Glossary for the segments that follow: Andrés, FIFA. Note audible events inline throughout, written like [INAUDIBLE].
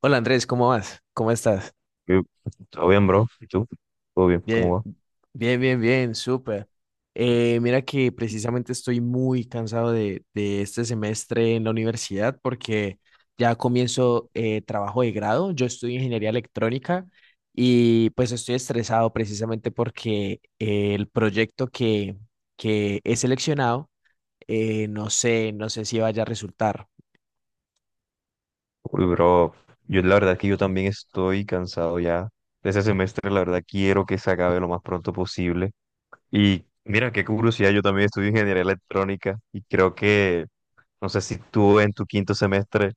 Hola Andrés, ¿cómo vas? ¿Cómo estás? ¿Qué? ¿Todo bien, bro? ¿Y tú? ¿Todo bien? Bien, ¿Cómo va? bien, bien, bien, súper. Mira que precisamente estoy muy cansado de este semestre en la universidad porque ya comienzo trabajo de grado. Yo estudio ingeniería electrónica y pues estoy estresado precisamente porque el que he seleccionado, no sé si vaya a resultar. Uy, bro, yo la verdad que yo también estoy cansado ya de ese semestre, la verdad quiero que se acabe lo más pronto posible. Y mira, qué curiosidad, yo también estudio ingeniería electrónica y creo que, no sé si tú en tu quinto semestre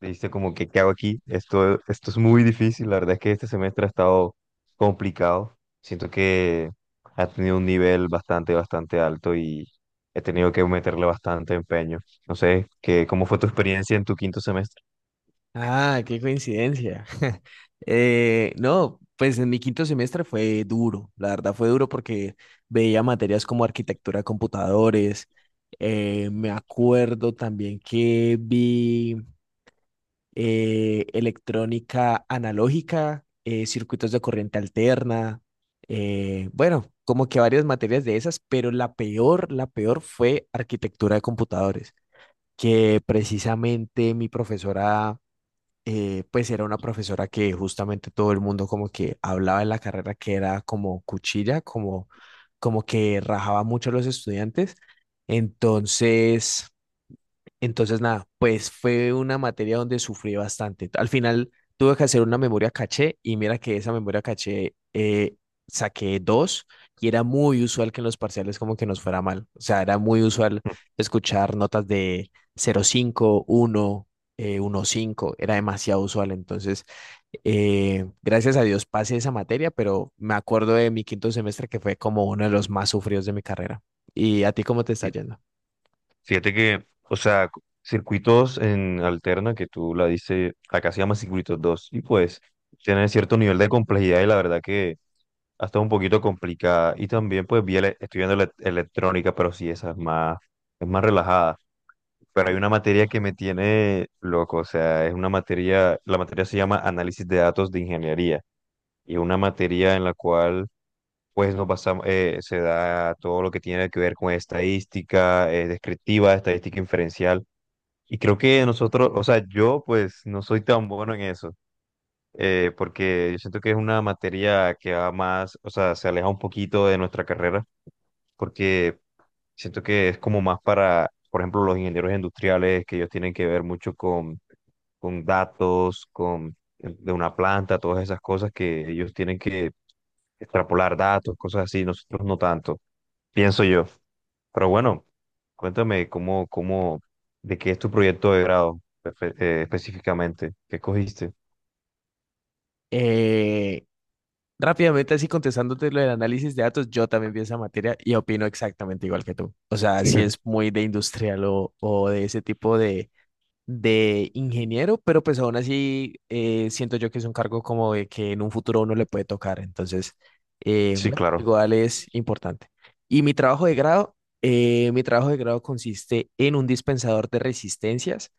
dice como que, ¿qué hago aquí? Esto es muy difícil. La verdad es que este semestre ha estado complicado. Siento que ha tenido un nivel bastante alto y he tenido que meterle bastante empeño. No sé, que, ¿cómo fue tu experiencia en tu quinto semestre? Ah, qué coincidencia. [LAUGHS] No, pues en mi quinto semestre fue duro, la verdad fue duro porque veía materias como arquitectura de computadores. Me acuerdo también que vi electrónica analógica, circuitos de corriente alterna, bueno, como que varias materias de esas, pero la peor fue arquitectura de computadores, que precisamente mi profesora, pues era una profesora que justamente todo el mundo como que hablaba en la carrera que era como cuchilla, como que rajaba mucho a los estudiantes. Entonces, entonces, nada, pues fue una materia donde sufrí bastante. Al final tuve que hacer una memoria caché y mira que esa memoria caché, saqué dos, y era muy usual que en los parciales como que nos fuera mal. O sea, era muy usual escuchar notas de 0,51, 1,5 era demasiado usual. Entonces, gracias a Dios pasé esa materia, pero me acuerdo de mi quinto semestre que fue como uno de los más sufridos de mi carrera. ¿Y a ti cómo te está Fí- yendo? Fíjate que, o sea, circuitos en alterna, que tú la dices, acá se llama circuitos 2 y pues tienen cierto nivel de complejidad y la verdad que hasta un poquito complicada. Y también, pues, estoy viendo electrónica, pero sí, esa es más relajada. Pero hay una materia que me tiene loco, o sea, es una materia, la materia se llama Análisis de Datos de Ingeniería, y es una materia en la cual, pues, nos basamos, se da todo lo que tiene que ver con estadística, descriptiva, estadística inferencial. Y creo que nosotros, o sea, yo pues no soy tan bueno en eso, porque yo siento que es una materia que va más, o sea, se aleja un poquito de nuestra carrera, porque siento que es como más para, por ejemplo, los ingenieros industriales, que ellos tienen que ver mucho con datos, con de una planta, todas esas cosas que ellos tienen que extrapolar datos, cosas así, nosotros no tanto, pienso yo. Pero bueno, cuéntame cómo, cómo, de qué es tu proyecto de grado específicamente, qué cogiste. Eh, Rápidamente, así contestándote lo del análisis de datos, yo también vi esa materia y opino exactamente igual que tú. O sea, Sí. si es [LAUGHS] muy de industrial o de ese tipo de ingeniero, pero pues aún así, siento yo que es un cargo como de que en un futuro uno le puede tocar. Entonces, Sí, bueno, claro. igual es importante. Y mi trabajo de grado, mi trabajo de grado consiste en un dispensador de resistencias,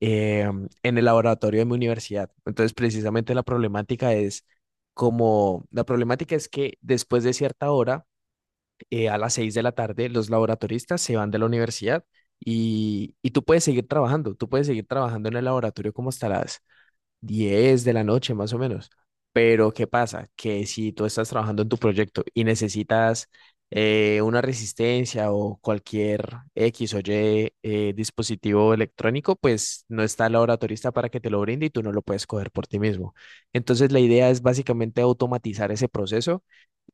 eh, en el laboratorio de mi universidad. Entonces precisamente la problemática es como, la problemática es que después de cierta hora, a las 6 de la tarde los laboratoristas se van de la universidad y tú puedes seguir trabajando, tú puedes seguir trabajando en el laboratorio como hasta las 10 de la noche más o menos. Pero ¿qué pasa? Que si tú estás trabajando en tu proyecto y necesitas, una resistencia o cualquier X o Y, dispositivo electrónico, pues no está el laboratorista para que te lo brinde y tú no lo puedes coger por ti mismo. Entonces la idea es básicamente automatizar ese proceso,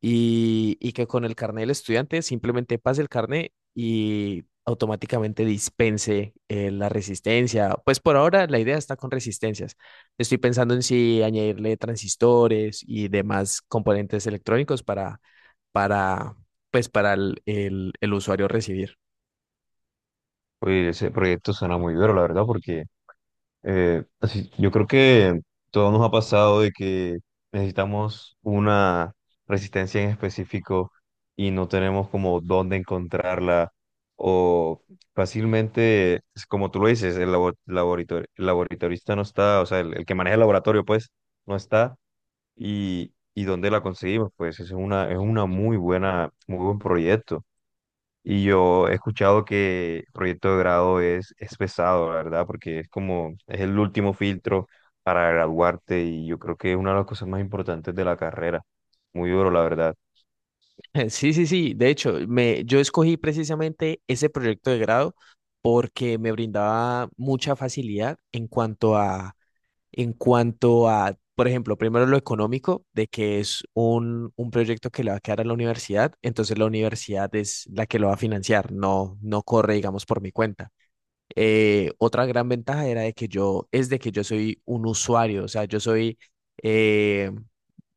y que con el carnet del estudiante simplemente pase el carnet y automáticamente dispense, la resistencia. Pues por ahora la idea está con resistencias. Estoy pensando en si añadirle transistores y demás componentes electrónicos para, pues para el usuario recibir. Oye, ese proyecto suena muy duro, la verdad, porque así, yo creo que todo nos ha pasado de que necesitamos una resistencia en específico y no tenemos como dónde encontrarla o fácilmente, es como tú lo dices, laboratorio, el laboratorista no está, o sea, el que maneja el laboratorio pues no está y dónde la conseguimos, pues es una muy buena, muy buen proyecto. Y yo he escuchado que proyecto de grado es pesado, la verdad, porque es como, es el último filtro para graduarte y yo creo que es una de las cosas más importantes de la carrera. Muy duro, la verdad. [LAUGHS] Sí, sí, sí. De hecho, yo escogí precisamente ese proyecto de grado porque me brindaba mucha facilidad en cuanto a, por ejemplo, primero lo económico, de que es un proyecto que le va a quedar a la universidad, entonces la universidad es la que lo va a financiar, no, no corre, digamos, por mi cuenta. Otra gran ventaja era es de que yo soy un usuario, o sea, eh,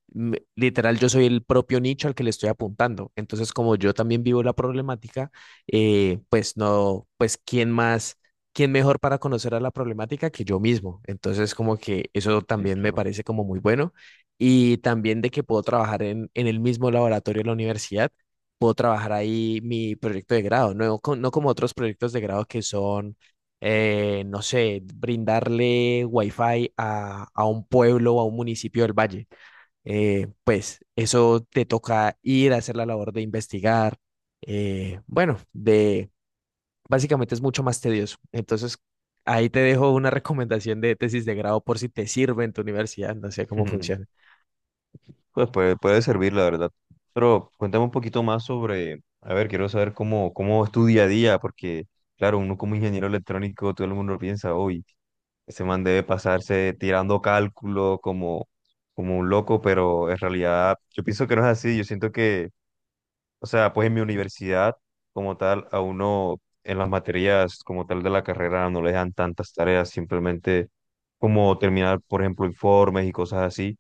literal, yo soy el propio nicho al que le estoy apuntando. Entonces, como yo también vivo la problemática, pues no, pues quién más, quién mejor para conocer a la problemática que yo mismo. Entonces, como que eso Sí, también me claro. parece como muy bueno. Y también de que puedo trabajar en el mismo laboratorio de la universidad, puedo trabajar ahí mi proyecto de grado, no como otros proyectos de grado que son, no sé, brindarle wifi a un pueblo o a un municipio del valle. Pues eso te toca ir a hacer la labor de investigar, bueno, de básicamente es mucho más tedioso. Entonces, ahí te dejo una [LAUGHS] recomendación de tesis de grado por si te sirve en tu universidad, no sé cómo funciona. [LAUGHS] Pues puede, puede servir, la verdad. Pero cuéntame un poquito más sobre, a ver, quiero saber cómo, cómo es tu día a día, porque claro, uno como ingeniero electrónico, todo el mundo piensa, hoy ese man debe pasarse tirando cálculo como, como un loco, pero en realidad yo pienso que no es así. Yo siento que, o sea, pues en mi universidad como tal, a uno en las materias como tal de la carrera no le dan tantas tareas, simplemente como terminar, por ejemplo, informes y cosas así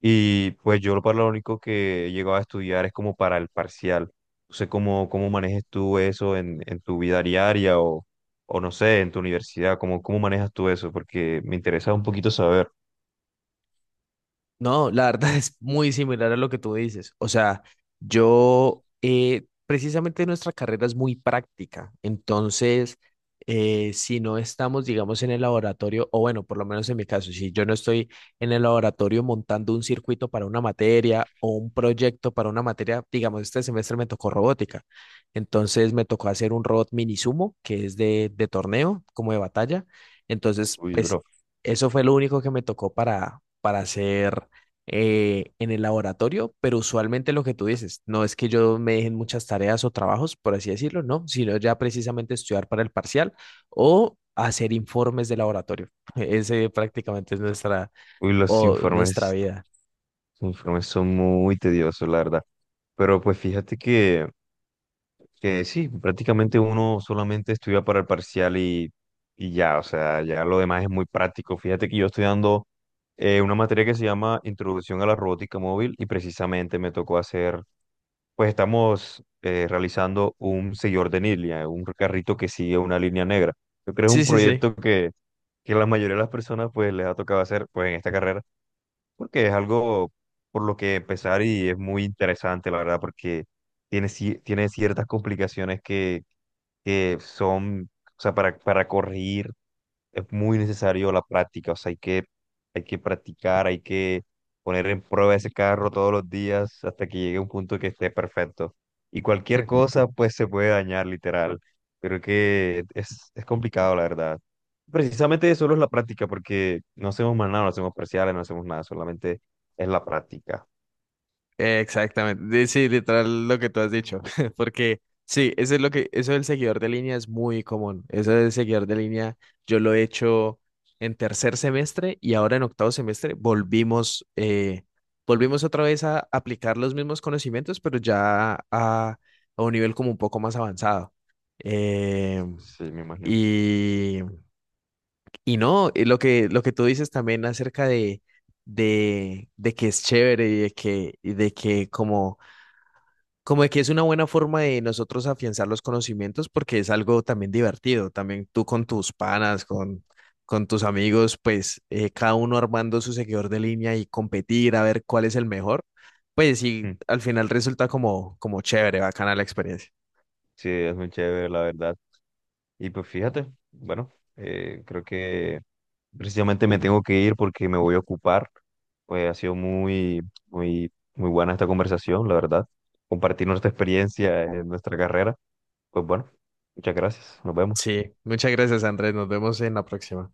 y pues yo lo para lo único que he llegado a estudiar es como para el parcial. No sé cómo, cómo manejes tú eso en tu vida diaria o no sé, en tu universidad, cómo, cómo manejas tú eso, porque me interesa un poquito saber. No, la verdad [LAUGHS] es muy similar a lo que tú dices. O sea, yo, precisamente nuestra carrera es muy práctica. Entonces, si no estamos, digamos, en el laboratorio, o bueno, por lo menos en mi caso, si yo no estoy en el laboratorio montando un circuito para una materia o un proyecto para una materia, digamos, este semestre me tocó robótica. Entonces, me tocó hacer un robot mini sumo, que es de torneo, como de batalla. Entonces, Uy, pues, bro. eso fue lo único que me tocó para hacer, en el laboratorio, pero usualmente lo que tú dices, no es que yo me dejen muchas tareas o trabajos, por así decirlo, no, sino ya precisamente estudiar para el parcial o hacer informes de laboratorio. [LAUGHS] Ese prácticamente es nuestra, Uy, o nuestra vida. los informes son muy tediosos, la verdad. Pero pues fíjate que sí, prácticamente uno solamente estudia para el parcial y ya, o sea, ya lo demás es muy práctico. Fíjate que yo estoy dando una materia que se llama Introducción a la Robótica Móvil y precisamente me tocó hacer, pues estamos realizando un seguidor de línea, un carrito que sigue una línea negra. Yo creo que es Sí, un sí, sí. proyecto que la mayoría de las personas pues les ha tocado hacer pues en esta carrera porque es algo por lo que empezar y es muy interesante, la verdad, porque tiene, tiene ciertas complicaciones que son, o sea, para corregir es muy necesario la práctica, o sea, hay que practicar, hay que poner en prueba ese carro todos los días hasta que llegue a un punto que esté perfecto. Y cualquier cosa, pues, se puede dañar, literal. Pero que es complicado, la verdad. Precisamente solo es la práctica, porque no hacemos más nada, no hacemos parciales, no hacemos nada, solamente es la práctica. Exactamente, sí, literal lo que tú has dicho, [LAUGHS] porque sí, eso es lo que, eso del seguidor de línea es muy común, eso del seguidor de línea yo lo he hecho en tercer semestre y ahora en octavo semestre volvimos, volvimos otra vez a aplicar los mismos conocimientos, pero ya a un nivel como un poco más avanzado. Eh, Sí, me imagino. y, y no, lo que tú dices también acerca de que es chévere y de que como de que es una buena forma de nosotros afianzar los conocimientos porque es algo también divertido, también tú con tus panas, con tus amigos, pues, cada uno armando su seguidor de línea y competir a ver cuál es el mejor, pues sí, Mm, al final resulta como, como chévere, bacana la experiencia. sí, es muy chévere, la verdad. Y pues fíjate, bueno, creo que precisamente me tengo que ir porque me voy a ocupar. Pues ha sido muy, muy, muy buena esta conversación, la verdad. Compartir nuestra experiencia en nuestra carrera. Pues bueno, muchas gracias, nos vemos. Sí, muchas gracias Andrés, nos vemos en la próxima.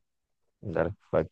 Dale, bye.